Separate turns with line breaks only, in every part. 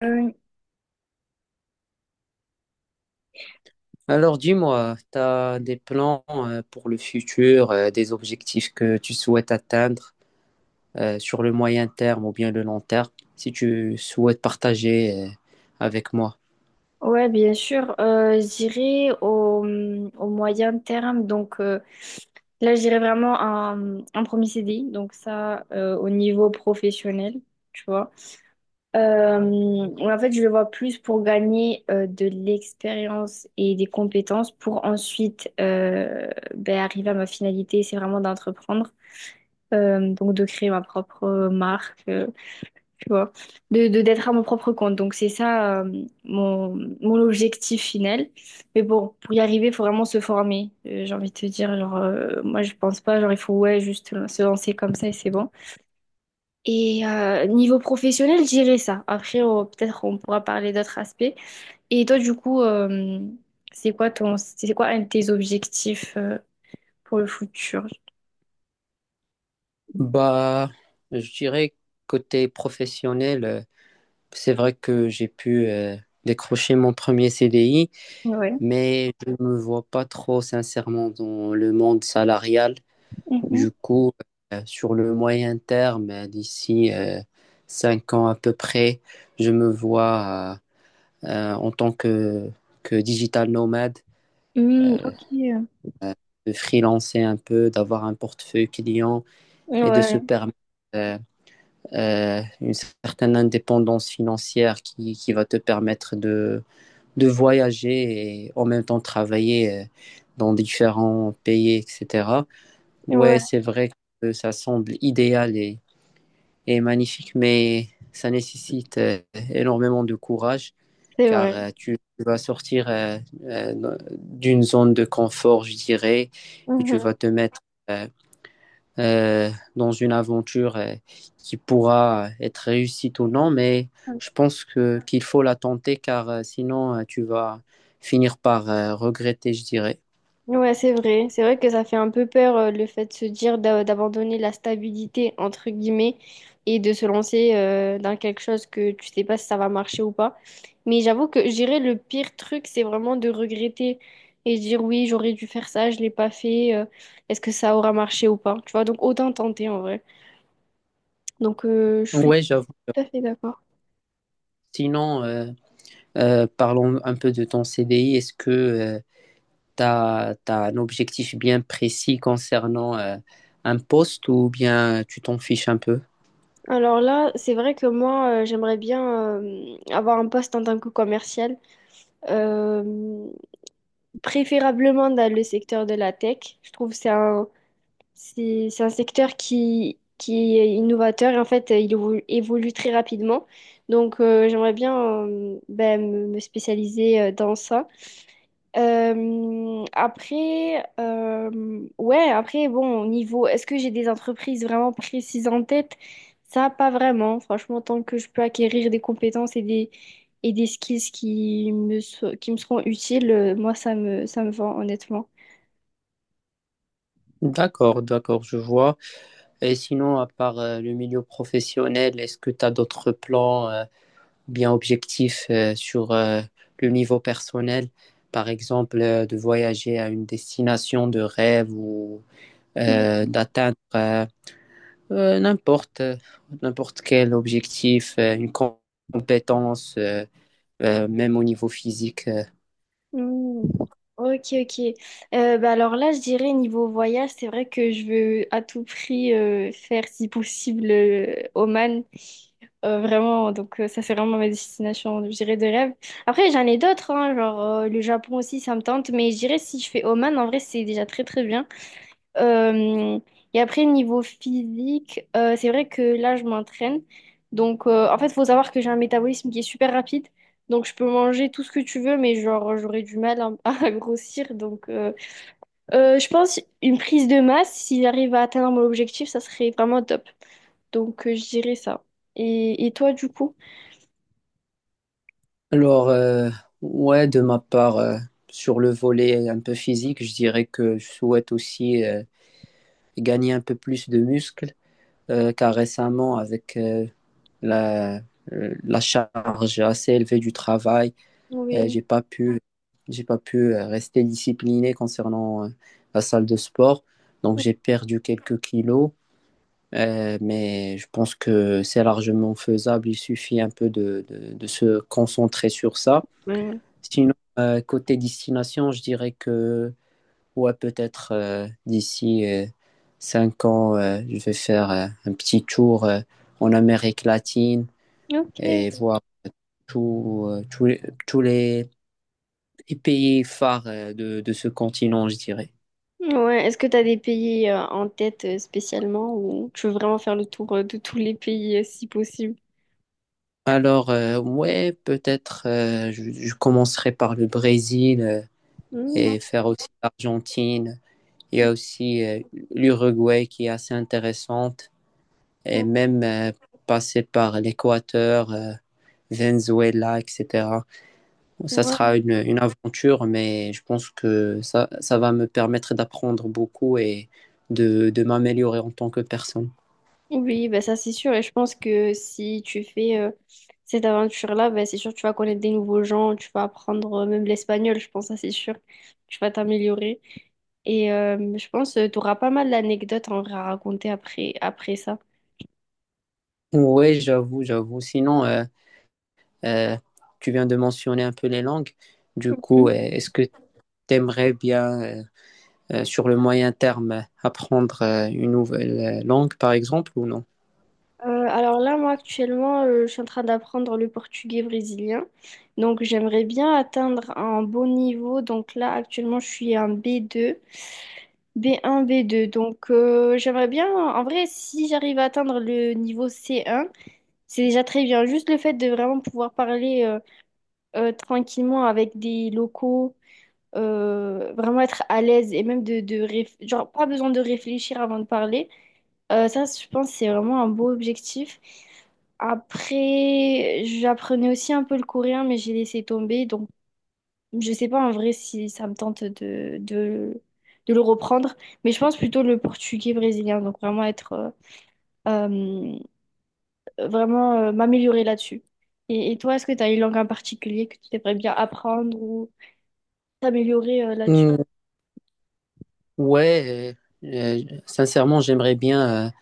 Oui,
Alors dis-moi, tu as des plans pour le futur, des objectifs que tu souhaites atteindre sur le moyen terme ou bien le long terme, si tu souhaites partager avec moi.
ouais, bien sûr. J'irai au, au moyen terme. Là, j'irai vraiment un premier CDI. Donc ça, au niveau professionnel, tu vois. Ouais, en fait, je le vois plus pour gagner de l'expérience et des compétences pour ensuite arriver à ma finalité. C'est vraiment d'entreprendre. Donc de créer ma propre marque. Tu vois, d'être à mon propre compte. Donc c'est ça mon objectif final. Mais bon, pour y arriver, il faut vraiment se former. J'ai envie de te dire, genre, moi je pense pas, genre il faut ouais, juste se lancer comme ça et c'est bon. Et niveau professionnel, j'irai ça. Après, peut-être on pourra parler d'autres aspects. Et toi, du coup, c'est quoi c'est quoi un de tes objectifs pour le futur?
Bah, je dirais côté professionnel, c'est vrai que j'ai pu décrocher mon premier CDI,
Ouais.
mais je ne me vois pas trop sincèrement dans le monde salarial.
Mhm.
Du coup, sur le moyen terme, d'ici 5 ans à peu près, je me vois en tant que digital nomade,
Hmm,
euh,
ok.
de freelancer un peu, d'avoir un portefeuille client et de
Ouais,
se permettre euh, une certaine indépendance financière qui va te permettre de voyager et en même temps travailler dans différents pays, etc.
ouais,
Ouais, c'est vrai que ça semble idéal et est magnifique, mais ça nécessite énormément de courage
c'est
car
vrai.
tu vas sortir d'une zone de confort, je dirais, et tu
Mm-hmm.
vas te mettre euh, euh, dans une aventure qui pourra être réussite ou non, mais je pense que qu'il faut la tenter car sinon tu vas finir par regretter, je dirais.
Ouais, c'est vrai. C'est vrai que ça fait un peu peur le fait de se dire d'abandonner la stabilité, entre guillemets, et de se lancer dans quelque chose que tu sais pas si ça va marcher ou pas. Mais j'avoue que je dirais le pire truc, c'est vraiment de regretter et dire oui, j'aurais dû faire ça, je l'ai pas fait, est-ce que ça aura marché ou pas? Tu vois, donc autant tenter en vrai. Je suis
Ouais, j'avoue.
tout à fait d'accord.
Sinon, parlons un peu de ton CDI. Est-ce que tu as, un objectif bien précis concernant un poste ou bien tu t'en fiches un peu?
Alors là, c'est vrai que moi, j'aimerais bien avoir un poste en tant que commercial. Euh, Préférablement dans le secteur de la tech. Je trouve que c'est un secteur qui est innovateur et en fait, il évolue très rapidement. Donc, j'aimerais bien me spécialiser dans ça. Ouais, après, bon, au niveau, est-ce que j'ai des entreprises vraiment précises en tête? Ça, pas vraiment. Franchement, tant que je peux acquérir des compétences et des skills qui me, qui me seront utiles, moi, ça me va, honnêtement.
D'accord, d'accord, je vois. Et sinon, à part le milieu professionnel, est-ce que tu as d'autres plans bien objectifs sur le niveau personnel? Par exemple, de voyager à une destination de rêve ou
Mm,
d'atteindre euh, n'importe euh, n'importe quel objectif, une compétence, même au niveau physique.
mm. Ok, ok. Bah alors là, je dirais niveau voyage, c'est vrai que je veux à tout prix faire, si possible, Oman. Vraiment, ça, c'est vraiment ma destination, je dirais, de rêve. Après, j'en ai d'autres, hein, genre le Japon aussi, ça me tente, mais je dirais si je fais Oman, en vrai, c'est déjà très très bien. Euh, et après, niveau physique, c'est vrai que là, je m'entraîne. Donc, en fait, il faut savoir que j'ai un métabolisme qui est super rapide. Donc, je peux manger tout ce que tu veux, mais genre, j'aurais du mal à, à grossir. Donc, je pense une prise de masse, si j'arrive à atteindre mon objectif, ça serait vraiment top. Donc, je dirais ça. Et toi, du coup?
Alors, ouais, de ma part, sur le volet un peu physique, je dirais que je souhaite aussi gagner un peu plus de muscles, car récemment, avec la, la charge assez élevée du travail, euh,
Oui.
j'ai pas pu, j'ai pas pu rester discipliné concernant la salle de sport, donc j'ai perdu quelques kilos. Mais je pense que c'est largement faisable, il suffit un peu de se concentrer sur ça.
Ouais.
Sinon, côté destination, je dirais que, ouais, peut-être d'ici 5 ans, je vais faire un petit tour en Amérique latine et
Ok.
voir tout, euh, tous les, tous les pays phares de ce continent, je dirais.
Ouais. Est-ce que tu as des pays en tête spécialement ou tu veux vraiment faire le tour de tous les pays si possible?
Alors, ouais, peut-être je commencerai par le Brésil
Mmh.
et faire aussi l'Argentine. Il y
Mmh,
a aussi l'Uruguay qui est assez intéressante. Et
mmh,
même passer par l'Équateur, Venezuela, etc. Ça
Ouais.
sera une aventure, mais je pense que ça va me permettre d'apprendre beaucoup et de m'améliorer en tant que personne.
Oui, ben ça c'est sûr. Et je pense que si tu fais cette aventure-là, ben c'est sûr que tu vas connaître des nouveaux gens, tu vas apprendre même l'espagnol, je pense, ça c'est sûr. Tu vas t'améliorer. Et je pense que tu auras pas mal d'anecdotes en vrai à raconter après, après ça.
Oui, j'avoue, j'avoue. Sinon, euh, tu viens de mentionner un peu les langues. Du
Mhm.
coup, est-ce que tu aimerais bien, sur le moyen terme, apprendre une nouvelle langue, par exemple, ou non?
Alors là, moi actuellement, je suis en train d'apprendre le portugais brésilien. Donc j'aimerais bien atteindre un bon niveau. Donc là, actuellement, je suis un B2. B1, B2. Donc, j'aimerais bien, en vrai, si j'arrive à atteindre le niveau C1, c'est déjà très bien. Juste le fait de vraiment pouvoir parler tranquillement avec des locaux, vraiment être à l'aise et même de genre, pas besoin de réfléchir avant de parler. Ça, je pense, c'est vraiment un beau objectif. Après, j'apprenais aussi un peu le coréen, mais j'ai laissé tomber. Donc, je sais pas en vrai si ça me tente de le reprendre, mais je pense plutôt le portugais brésilien, donc vraiment être vraiment m'améliorer là-dessus. Et toi, est-ce que tu as une langue en particulier que tu aimerais bien apprendre ou t'améliorer là-dessus?
Ouais, euh, sincèrement, j'aimerais bien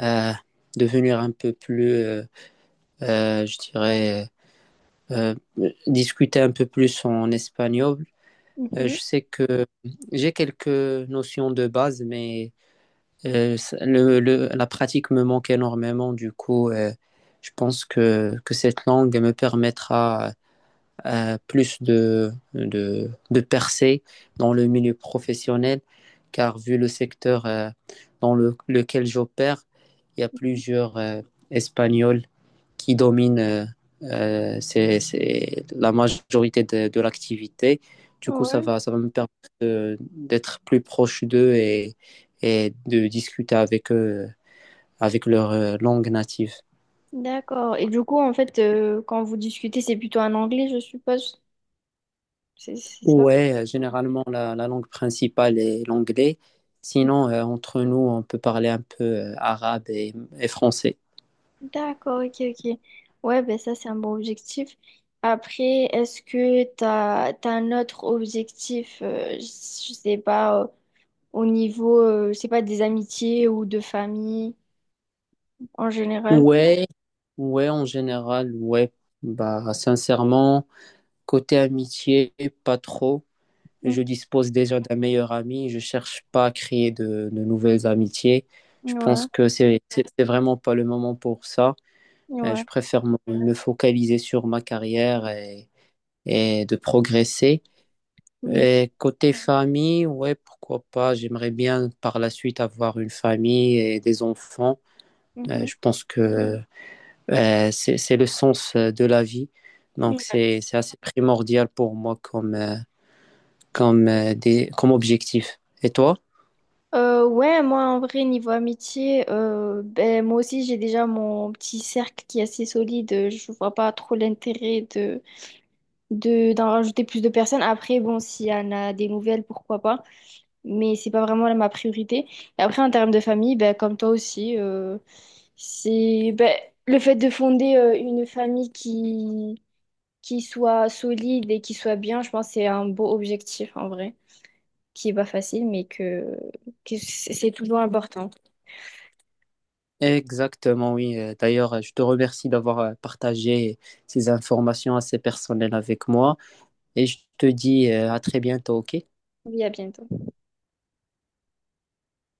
euh, devenir un peu plus, je dirais, euh, discuter un peu plus en espagnol. Euh,
Mhm.
je sais que j'ai quelques notions de base, mais la pratique me manque énormément. Du coup, je pense que cette langue me permettra plus de percées dans le milieu professionnel, car vu le secteur dans lequel j'opère, il y a plusieurs Espagnols qui dominent c'est la majorité de l'activité. Du coup, ça
Ouais,
va, ça va me permettre d'être plus proche d'eux et de discuter avec eux, avec leur langue native.
d'accord. Et du coup, en fait, quand vous discutez, c'est plutôt en anglais, je suppose. C'est ça?
Ouais, généralement la langue principale est l'anglais. Sinon, entre nous, on peut parler un peu arabe et français.
D'accord, ok, ok. Ouais, ben ça, c'est un bon objectif. Après, est-ce que t'as un autre objectif, je sais pas, au niveau, je sais pas, des amitiés ou de famille en général?
Ouais, ouais, en général, ouais. Bah, sincèrement, côté amitié, pas trop.
Mm.
Je dispose déjà d'un meilleur ami. Je cherche pas à créer de nouvelles amitiés. Je pense
Ouais,
que c'est vraiment pas le moment pour ça. Euh,
ouais,
je préfère me focaliser sur ma carrière et de progresser.
oui.
Et côté famille, ouais, pourquoi pas. J'aimerais bien par la suite avoir une famille et des enfants. Euh,
Mhm.
je pense que c'est le sens de la vie. Donc
Mm.
c'est assez primordial pour moi comme objectif. Et toi?
Ouais, moi, en vrai, niveau amitié, moi aussi, j'ai déjà mon petit cercle qui est assez solide. Je vois pas trop l'intérêt d'en rajouter plus de personnes. Après, bon, s'il y en a des nouvelles, pourquoi pas. Mais c'est pas vraiment là ma priorité. Et après, en termes de famille, ben, comme toi aussi, c'est ben, le fait de fonder une famille qui soit solide et qui soit bien, je pense que c'est un beau objectif en vrai, qui est pas facile, mais que c'est toujours important.
Exactement, oui. D'ailleurs, je te remercie d'avoir partagé ces informations assez personnelles avec moi et je te dis à très bientôt, OK?
Oui, à bientôt.